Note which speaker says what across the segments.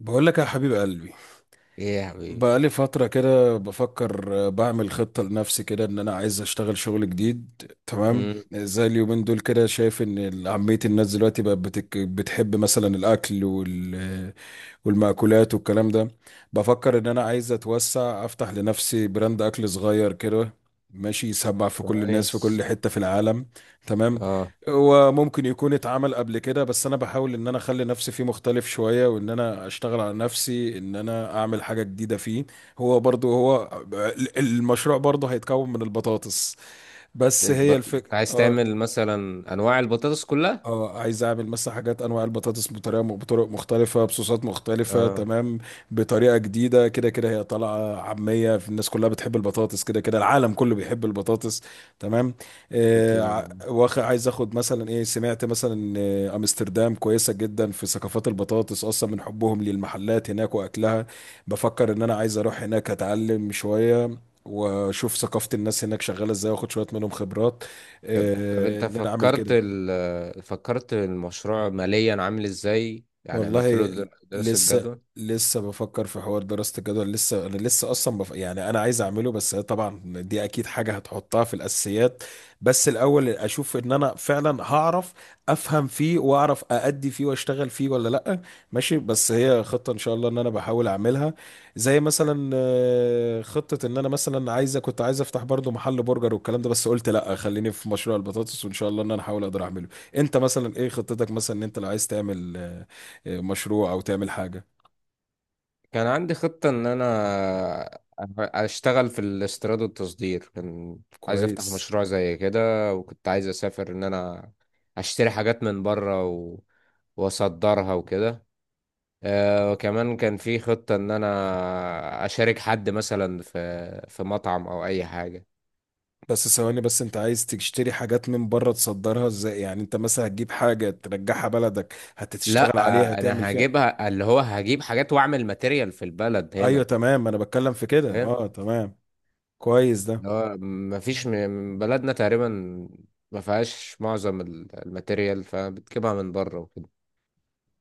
Speaker 1: بقول لك يا حبيب قلبي،
Speaker 2: ايه يا حبيبي.
Speaker 1: بقى لي فترة كده بفكر، بعمل خطة لنفسي كده ان انا عايز اشتغل شغل جديد. تمام.
Speaker 2: امم.
Speaker 1: زي اليومين دول كده شايف ان عامية الناس دلوقتي بقت بتحب مثلا الاكل والمأكولات والكلام ده. بفكر ان انا عايز اتوسع افتح لنفسي براند اكل صغير كده، ماشي يسمع في كل الناس في كل
Speaker 2: كويس.
Speaker 1: حتة في العالم. تمام.
Speaker 2: اه.
Speaker 1: وممكن يكون اتعمل قبل كده بس انا بحاول ان انا اخلي نفسي فيه مختلف شوية، وان انا اشتغل على نفسي ان انا اعمل حاجة جديدة فيه. هو برضو المشروع برضو هيتكون من البطاطس. بس هي
Speaker 2: انت عايز
Speaker 1: الفكرة.
Speaker 2: تعمل مثلا انواع البطاطس كلها؟
Speaker 1: اه، عايز اعمل مثلا حاجات، انواع البطاطس بطرق مختلفه، بصوصات مختلفه.
Speaker 2: اه.
Speaker 1: تمام. بطريقه جديده، كده كده هي طالعه عاميه في الناس، كلها بتحب البطاطس، كده كده العالم كله بيحب البطاطس. تمام. آه
Speaker 2: بتل...
Speaker 1: ع- واخ عايز اخد مثلا ايه، سمعت مثلا ان امستردام كويسه جدا في ثقافات البطاطس اصلا، من حبهم للمحلات هناك واكلها. بفكر ان انا عايز اروح هناك اتعلم شويه، واشوف ثقافه الناس هناك شغاله ازاي، واخد شويه منهم خبرات.
Speaker 2: طب، انت
Speaker 1: ان انا اعمل
Speaker 2: فكرت
Speaker 1: كده.
Speaker 2: فكرت المشروع ماليا عامل ازاي؟ يعني عملت له
Speaker 1: والله
Speaker 2: دراسة
Speaker 1: لسه،
Speaker 2: جدوى؟
Speaker 1: بفكر في حوار دراسة الجدول. لسه انا يعني انا عايز اعمله، بس طبعا دي اكيد حاجة هتحطها في الاساسيات. بس الاول اشوف ان انا فعلا هعرف افهم فيه واعرف اادي فيه واشتغل فيه ولا لا. ماشي، بس هي خطة ان شاء الله ان انا بحاول اعملها. زي مثلا خطة ان انا مثلا كنت عايز افتح برضو محل برجر والكلام ده، بس قلت لا خليني في مشروع البطاطس، وان شاء الله ان انا احاول اقدر اعمله. انت مثلا ايه خطتك، مثلا ان انت لو عايز تعمل مشروع او تعمل حاجه؟
Speaker 2: كان عندي خطة ان انا اشتغل في الاستيراد والتصدير. كان عايز افتح
Speaker 1: كويس.
Speaker 2: مشروع زي كده، وكنت عايز اسافر ان انا اشتري حاجات من بره واصدرها وكده. وكمان كان في خطة ان انا اشارك حد مثلا في مطعم او اي حاجة.
Speaker 1: بس ثواني، بس انت عايز تشتري حاجات من بره تصدرها ازاي؟ يعني انت مثلا هتجيب حاجه ترجعها بلدك هتشتغل
Speaker 2: لا،
Speaker 1: عليها هتعمل
Speaker 2: انا
Speaker 1: فيها؟
Speaker 2: هجيبها اللي هو هجيب حاجات واعمل ماتيريال في البلد
Speaker 1: ايوه
Speaker 2: هنا.
Speaker 1: تمام، انا بتكلم في كده.
Speaker 2: فاهم.
Speaker 1: اه تمام. كويس ده.
Speaker 2: اللي هو مفيش بلدنا تقريبا ما فيهاش معظم الماتيريال، فبتجيبها من بره وكده.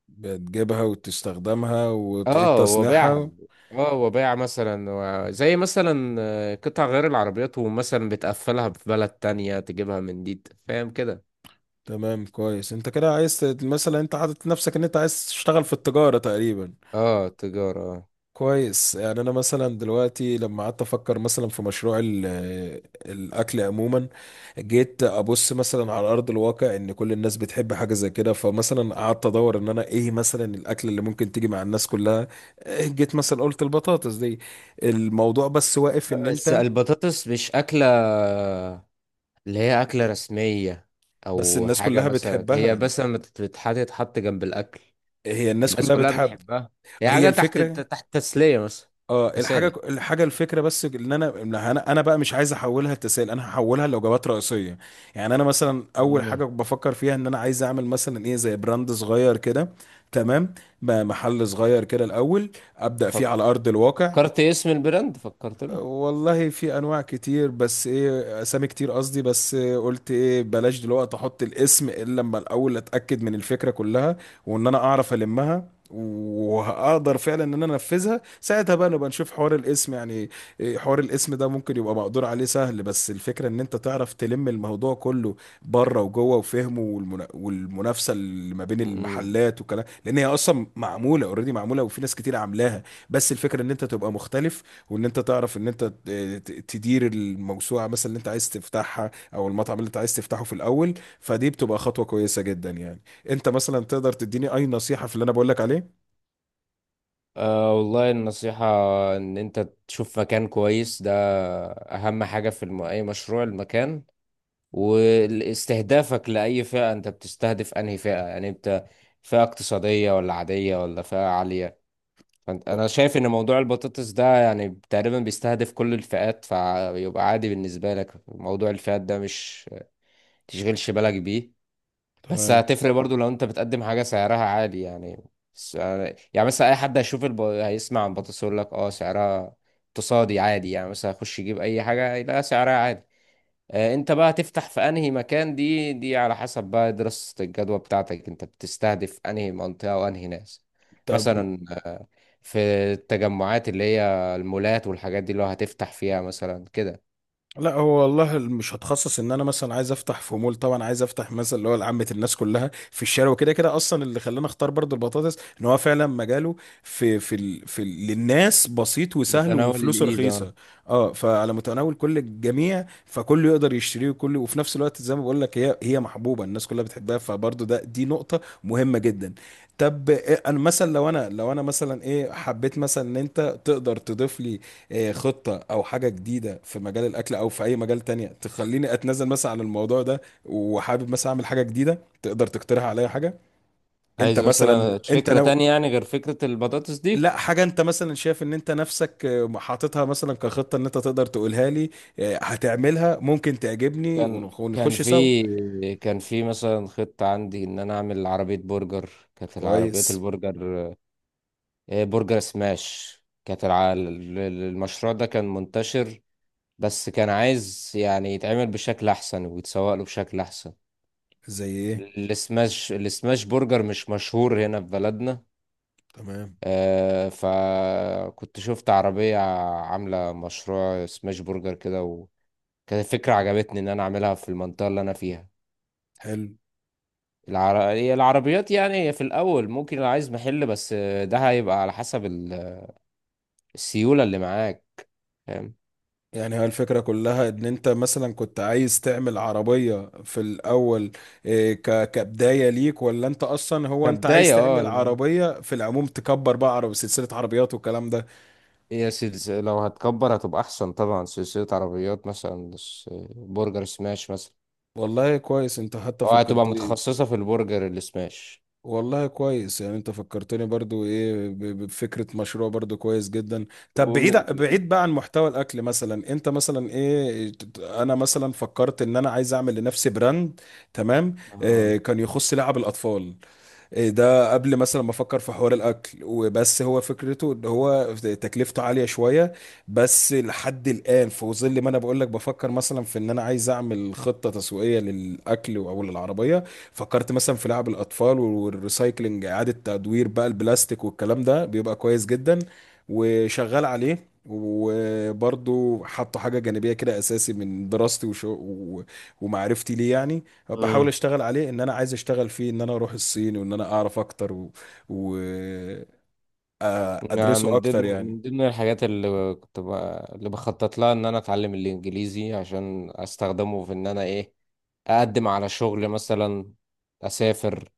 Speaker 1: بتجيبها وتستخدمها وتعيد
Speaker 2: اه، وبيعها.
Speaker 1: تصنيعها.
Speaker 2: اه، وبيع مثلا زي مثلا قطع غير العربيات، ومثلا بتقفلها في بلد تانية تجيبها من دي، فاهم كده.
Speaker 1: تمام كويس، انت كده عايز مثلا انت حاطط نفسك ان انت عايز تشتغل في التجاره تقريبا.
Speaker 2: اه، تجارة.
Speaker 1: كويس. يعني انا مثلا دلوقتي لما قعدت افكر مثلا في مشروع الاكل عموما، جيت ابص مثلا على ارض الواقع ان كل الناس بتحب حاجه زي كده، فمثلا قعدت ادور ان انا ايه مثلا الاكل اللي ممكن تيجي مع الناس كلها. جيت مثلا قلت البطاطس دي الموضوع، بس واقف ان
Speaker 2: بس
Speaker 1: انت.
Speaker 2: البطاطس مش أكلة اللي هي أكلة رسمية،
Speaker 1: بس
Speaker 2: أو
Speaker 1: الناس
Speaker 2: حاجة.
Speaker 1: كلها
Speaker 2: مثلا هي
Speaker 1: بتحبها،
Speaker 2: بس لما بتتحط تحط جنب الأكل.
Speaker 1: هي الناس
Speaker 2: الناس
Speaker 1: كلها
Speaker 2: كلها
Speaker 1: بتحب.
Speaker 2: بتحبها. هي
Speaker 1: هي
Speaker 2: حاجة تحت
Speaker 1: الفكره.
Speaker 2: تحت، تسلية مثلا.
Speaker 1: اه، الحاجه
Speaker 2: تسالي.
Speaker 1: الحاجه الفكره، بس ان انا أنا بقى مش عايز احولها لتسائل، انا هحولها لوجبات رئيسيه. يعني انا مثلا اول حاجه
Speaker 2: مم.
Speaker 1: بفكر فيها ان انا عايز اعمل مثلا ايه زي براند صغير كده. تمام. محل صغير كده الاول، ابدا فيه
Speaker 2: فك...
Speaker 1: على ارض الواقع.
Speaker 2: فكرت اسم البراند؟ فكرت له؟
Speaker 1: والله في انواع كتير، بس ايه اسامي كتير، قصدي بس إيه، قلت ايه بلاش دلوقتي احط الاسم الا لما الاول اتاكد من الفكره كلها، وان انا اعرف المها وهقدر فعلا ان انا انفذها، ساعتها بقى نبقى نشوف حوار الاسم يعني. إيه حوار الاسم ده ممكن يبقى مقدور عليه سهل، بس الفكره ان انت تعرف تلم الموضوع كله بره وجوه وفهمه، والمنافسه اللي ما بين
Speaker 2: مم.
Speaker 1: المحلات والكلام، لان هي اصلا معموله اوريدي معموله وفي ناس كتير عاملاها. بس الفكره ان انت تبقى مختلف، وان انت تعرف ان انت تدير الموسوعه مثلا اللي انت عايز تفتحها، او المطعم اللي انت عايز تفتحه في الاول. فدي بتبقى خطوه كويسه جدا يعني. انت مثلا تقدر تديني اي نصيحه في اللي انا بقول لك عليه؟
Speaker 2: والله النصيحة إن أنت تشوف مكان كويس. ده أهم حاجة في أي مشروع، المكان. واستهدافك لأي فئة، أنت بتستهدف أنهي فئة؟ يعني أنت فئة اقتصادية ولا عادية ولا فئة عالية؟ فأنت،
Speaker 1: و-
Speaker 2: أنا شايف إن موضوع البطاطس ده يعني تقريبا بيستهدف كل الفئات، فيبقى عادي بالنسبة لك موضوع الفئات ده، مش تشغلش بالك بيه. بس
Speaker 1: تمام.
Speaker 2: هتفرق برضو لو أنت بتقدم حاجة سعرها عالي يعني. س- يعني مثلا أي حد هيشوف هيسمع عن البطاطس، يقول لك أه سعرها اقتصادي عادي، يعني مثلا هيخش يجيب أي حاجة يلاقي سعرها عادي. انت بقى هتفتح في انهي مكان؟ دي على حسب بقى دراسة الجدوى بتاعتك، انت بتستهدف انهي منطقة وانهي ناس.
Speaker 1: طب
Speaker 2: مثلا في التجمعات اللي هي المولات والحاجات دي، اللي هو هتفتح فيها مثلا كده.
Speaker 1: لا، هو والله مش هتخصص، ان انا مثلا عايز افتح في مول، طبعا عايز افتح مثلا اللي هو لعامه الناس كلها في الشارع وكده. كده اصلا اللي خلاني اختار برضو البطاطس ان هو فعلا مجاله في للناس بسيط وسهل
Speaker 2: متناول
Speaker 1: وفلوسه
Speaker 2: الايد، اه.
Speaker 1: رخيصه. اه فعلى متناول كل الجميع، فكله يقدر يشتريه وكله، وفي نفس الوقت زي ما بقول لك هي محبوبه الناس كلها بتحبها، فبرضو دي نقطه مهمه جدا. طب انا مثلا لو انا مثلا ايه، حبيت مثلا ان انت تقدر تضيف لي خطة أو حاجة جديدة في مجال الأكل أو في أي مجال تانية تخليني أتنازل مثلا عن الموضوع ده، وحابب مثلا أعمل حاجة جديدة. تقدر تقترح عليا حاجة؟ أنت
Speaker 2: عايز
Speaker 1: مثلا
Speaker 2: مثلا
Speaker 1: أنت
Speaker 2: فكرة
Speaker 1: نو
Speaker 2: تانية يعني غير فكرة البطاطس دي؟
Speaker 1: لا حاجة، أنت مثلا شايف إن أنت نفسك حاططها مثلا كخطة إن أنت تقدر تقولها لي، هتعملها ممكن تعجبني
Speaker 2: كان كان
Speaker 1: ونخش سوا.
Speaker 2: في كان في مثلا خطة عندي ان انا اعمل عربية برجر. كانت العربيات
Speaker 1: كويس.
Speaker 2: البرجر، برجر سماش. كانت المشروع ده كان منتشر، بس كان عايز يعني يتعمل بشكل احسن ويتسوق له بشكل احسن.
Speaker 1: زي إيه؟
Speaker 2: السماش برجر مش مشهور هنا في بلدنا.
Speaker 1: تمام.
Speaker 2: فكنت شفت عربية عاملة مشروع سماش برجر كده، وكانت فكرة عجبتني ان انا اعملها في المنطقة اللي انا فيها.
Speaker 1: حلو.
Speaker 2: هي العربيات يعني في الاول، ممكن لو عايز محل بس، ده هيبقى على حسب السيولة اللي معاك، فاهم؟
Speaker 1: يعني هي الفكرة كلها ان انت مثلا كنت عايز تعمل عربية في الاول، إيه، كبداية ليك، ولا انت اصلا هو انت عايز
Speaker 2: كبداية،
Speaker 1: تعمل
Speaker 2: اه.
Speaker 1: عربية في العموم تكبر بقى عربية سلسلة عربيات والكلام ده؟
Speaker 2: هي سلسلة، لو هتكبر هتبقى أحسن طبعا، سلسلة عربيات مثلا، برجر سماش مثلا.
Speaker 1: والله كويس، انت حتى
Speaker 2: أو هتبقى
Speaker 1: فكرتني.
Speaker 2: متخصصة في البرجر السماش.
Speaker 1: والله كويس، يعني انت فكرتني برضو ايه بفكرة مشروع برضو كويس جدا. طب بعيد
Speaker 2: ومن
Speaker 1: بعيد بقى عن محتوى الاكل، مثلا انت مثلا ايه انا مثلا فكرت ان انا عايز اعمل لنفسي براند. تمام.
Speaker 2: اه
Speaker 1: إيه، كان يخص لعب الاطفال، إيه ده قبل مثلا ما افكر في حوار الاكل. وبس هو فكرته ان هو تكلفته عاليه شويه، بس لحد الان في ظل ما انا بقول لك بفكر مثلا في ان انا عايز اعمل خطه تسويقيه للاكل او للعربيه، فكرت مثلا في لعب الاطفال والريسايكلينج، اعاده تدوير بقى البلاستيك والكلام ده، بيبقى كويس جدا. وشغال عليه وبرضه حاطه حاجه جانبيه كده اساسي من دراستي ومعرفتي ليه يعني. بحاول
Speaker 2: مم.
Speaker 1: اشتغل عليه ان انا عايز اشتغل فيه، ان انا اروح الصين وان انا اعرف اكتر و... و... آه،
Speaker 2: يعني
Speaker 1: ادرسه
Speaker 2: من
Speaker 1: اكتر
Speaker 2: ضمن
Speaker 1: يعني.
Speaker 2: الحاجات اللي كنت اللي بخطط لها، إن أنا أتعلم الإنجليزي عشان أستخدمه في إن أنا أقدم على شغل مثلا، أسافر.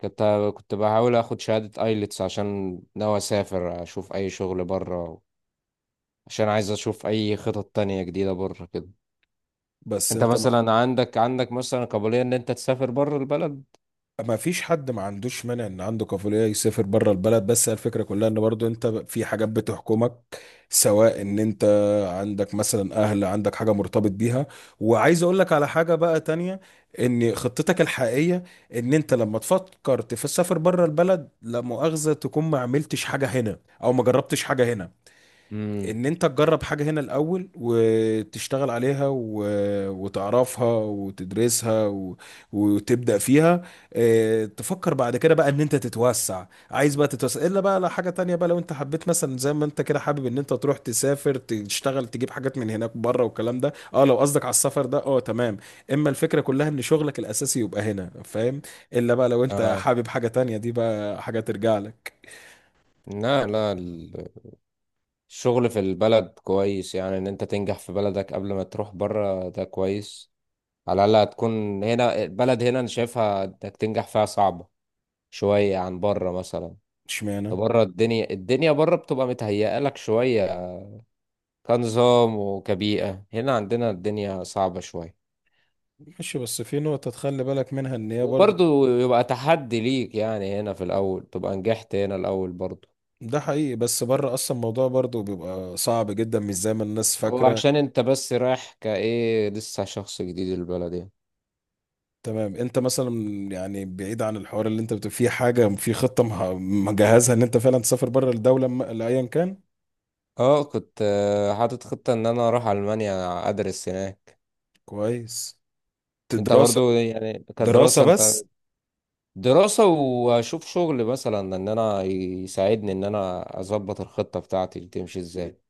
Speaker 2: كنت كنت بحاول أخد شهادة أيلتس عشان ناوي أسافر أشوف أي شغل بره، عشان عايز أشوف أي خطط تانية جديدة بره كده.
Speaker 1: بس
Speaker 2: انت
Speaker 1: انت ما...
Speaker 2: مثلا عندك مثلا قابلية ان انت تسافر بره البلد؟
Speaker 1: ما فيش حد ما عندوش مانع ان عنده كفولية يسافر بره البلد، بس الفكرة كلها ان برضو انت في حاجات بتحكمك، سواء ان انت عندك مثلا اهل، عندك حاجة مرتبط بيها. وعايز اقول لك على حاجة بقى تانية، ان خطتك الحقيقية ان انت لما تفكر تسافر بره البلد، لا مؤاخذة، تكون ما عملتش حاجة هنا او ما جربتش حاجة هنا.
Speaker 2: امم.
Speaker 1: ان انت تجرب حاجة هنا الاول وتشتغل عليها وتعرفها وتدرسها وتبدأ فيها. اه... تفكر بعد كده بقى ان انت تتوسع، عايز بقى تتوسع الا بقى لو حاجة تانية بقى، لو انت حبيت مثلا زي ما انت كده حابب ان انت تروح تسافر تشتغل تجيب حاجات من هناك بره والكلام ده، اه لو قصدك على السفر ده اه تمام. اما الفكرة كلها ان شغلك الاساسي يبقى هنا، فاهم. الا بقى لو انت
Speaker 2: اه.
Speaker 1: حابب حاجة تانية، دي بقى حاجة ترجع لك.
Speaker 2: لا، لا، الشغل في البلد كويس. يعني ان انت تنجح في بلدك قبل ما تروح بره ده كويس. على الاقل هتكون هنا، البلد هنا انا شايفها انك تنجح فيها صعبة شوية عن بره مثلا. ده
Speaker 1: اشمعنى؟
Speaker 2: بره الدنيا، الدنيا بره بتبقى متهيئة لك شوية، كنظام وكبيئة. هنا عندنا الدنيا صعبة شوية،
Speaker 1: ماشي، بس في نقطة تخلي بالك منها ان هي برضو.
Speaker 2: وبرضه يبقى تحدي ليك يعني، هنا في الأول تبقى نجحت هنا الأول برضه.
Speaker 1: ده حقيقي، بس بره اصلا الموضوع برضه بيبقى صعب جدا، مش زي ما الناس
Speaker 2: هو
Speaker 1: فاكره.
Speaker 2: عشان انت بس رايح كايه لسه شخص جديد البلد يعني.
Speaker 1: تمام. انت مثلا، يعني بعيد عن الحوار اللي انت بتبقى فيه، حاجه في خطه مجهزها ان انت فعلا تسافر بره الدوله لايا كان؟
Speaker 2: اه، كنت حاطط خطة ان انا اروح المانيا ادرس هناك.
Speaker 1: كويس
Speaker 2: انت
Speaker 1: دراسه،
Speaker 2: برضو يعني
Speaker 1: دراسه
Speaker 2: كدراسة، انت
Speaker 1: بس.
Speaker 2: دراسة واشوف شغل مثلا، ان انا يساعدني ان انا اظبط الخطة بتاعتي دي تمشي ازاي.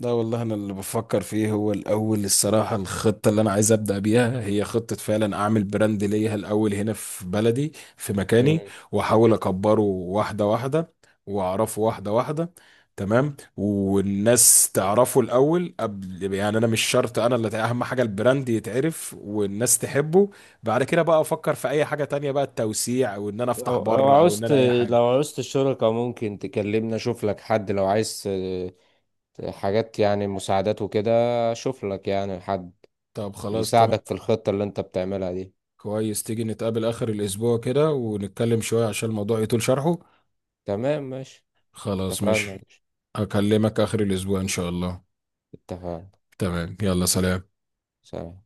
Speaker 1: لا والله، انا اللي بفكر فيه هو الاول الصراحه، الخطه اللي انا عايز ابدا بيها هي خطه فعلا اعمل براند ليا الاول هنا في بلدي في مكاني،
Speaker 2: مم.
Speaker 1: واحاول اكبره واحده واحده، واعرفه واحده واحده. تمام. والناس تعرفه الاول قبل، يعني انا مش شرط انا، اللي اهم حاجه البراند يتعرف والناس تحبه. بعد كده بقى افكر في اي حاجه تانية بقى، التوسيع او ان انا افتح
Speaker 2: لو
Speaker 1: بره او ان
Speaker 2: عاوزت،
Speaker 1: انا اي حاجه.
Speaker 2: لو عاوزت الشركة ممكن تكلمني اشوف لك حد، لو عايز حاجات يعني مساعدات وكده. اشوف لك يعني حد
Speaker 1: طب خلاص.
Speaker 2: يساعدك في الخطة اللي انت بتعملها دي.
Speaker 1: كويس، تيجي نتقابل آخر الأسبوع كده ونتكلم شوية عشان الموضوع يطول شرحه.
Speaker 2: تمام، ماشي.
Speaker 1: خلاص
Speaker 2: اتفقنا.
Speaker 1: ماشي. أكلمك آخر الأسبوع إن شاء الله.
Speaker 2: اتفقنا.
Speaker 1: تمام، يلا سلام.
Speaker 2: سلام.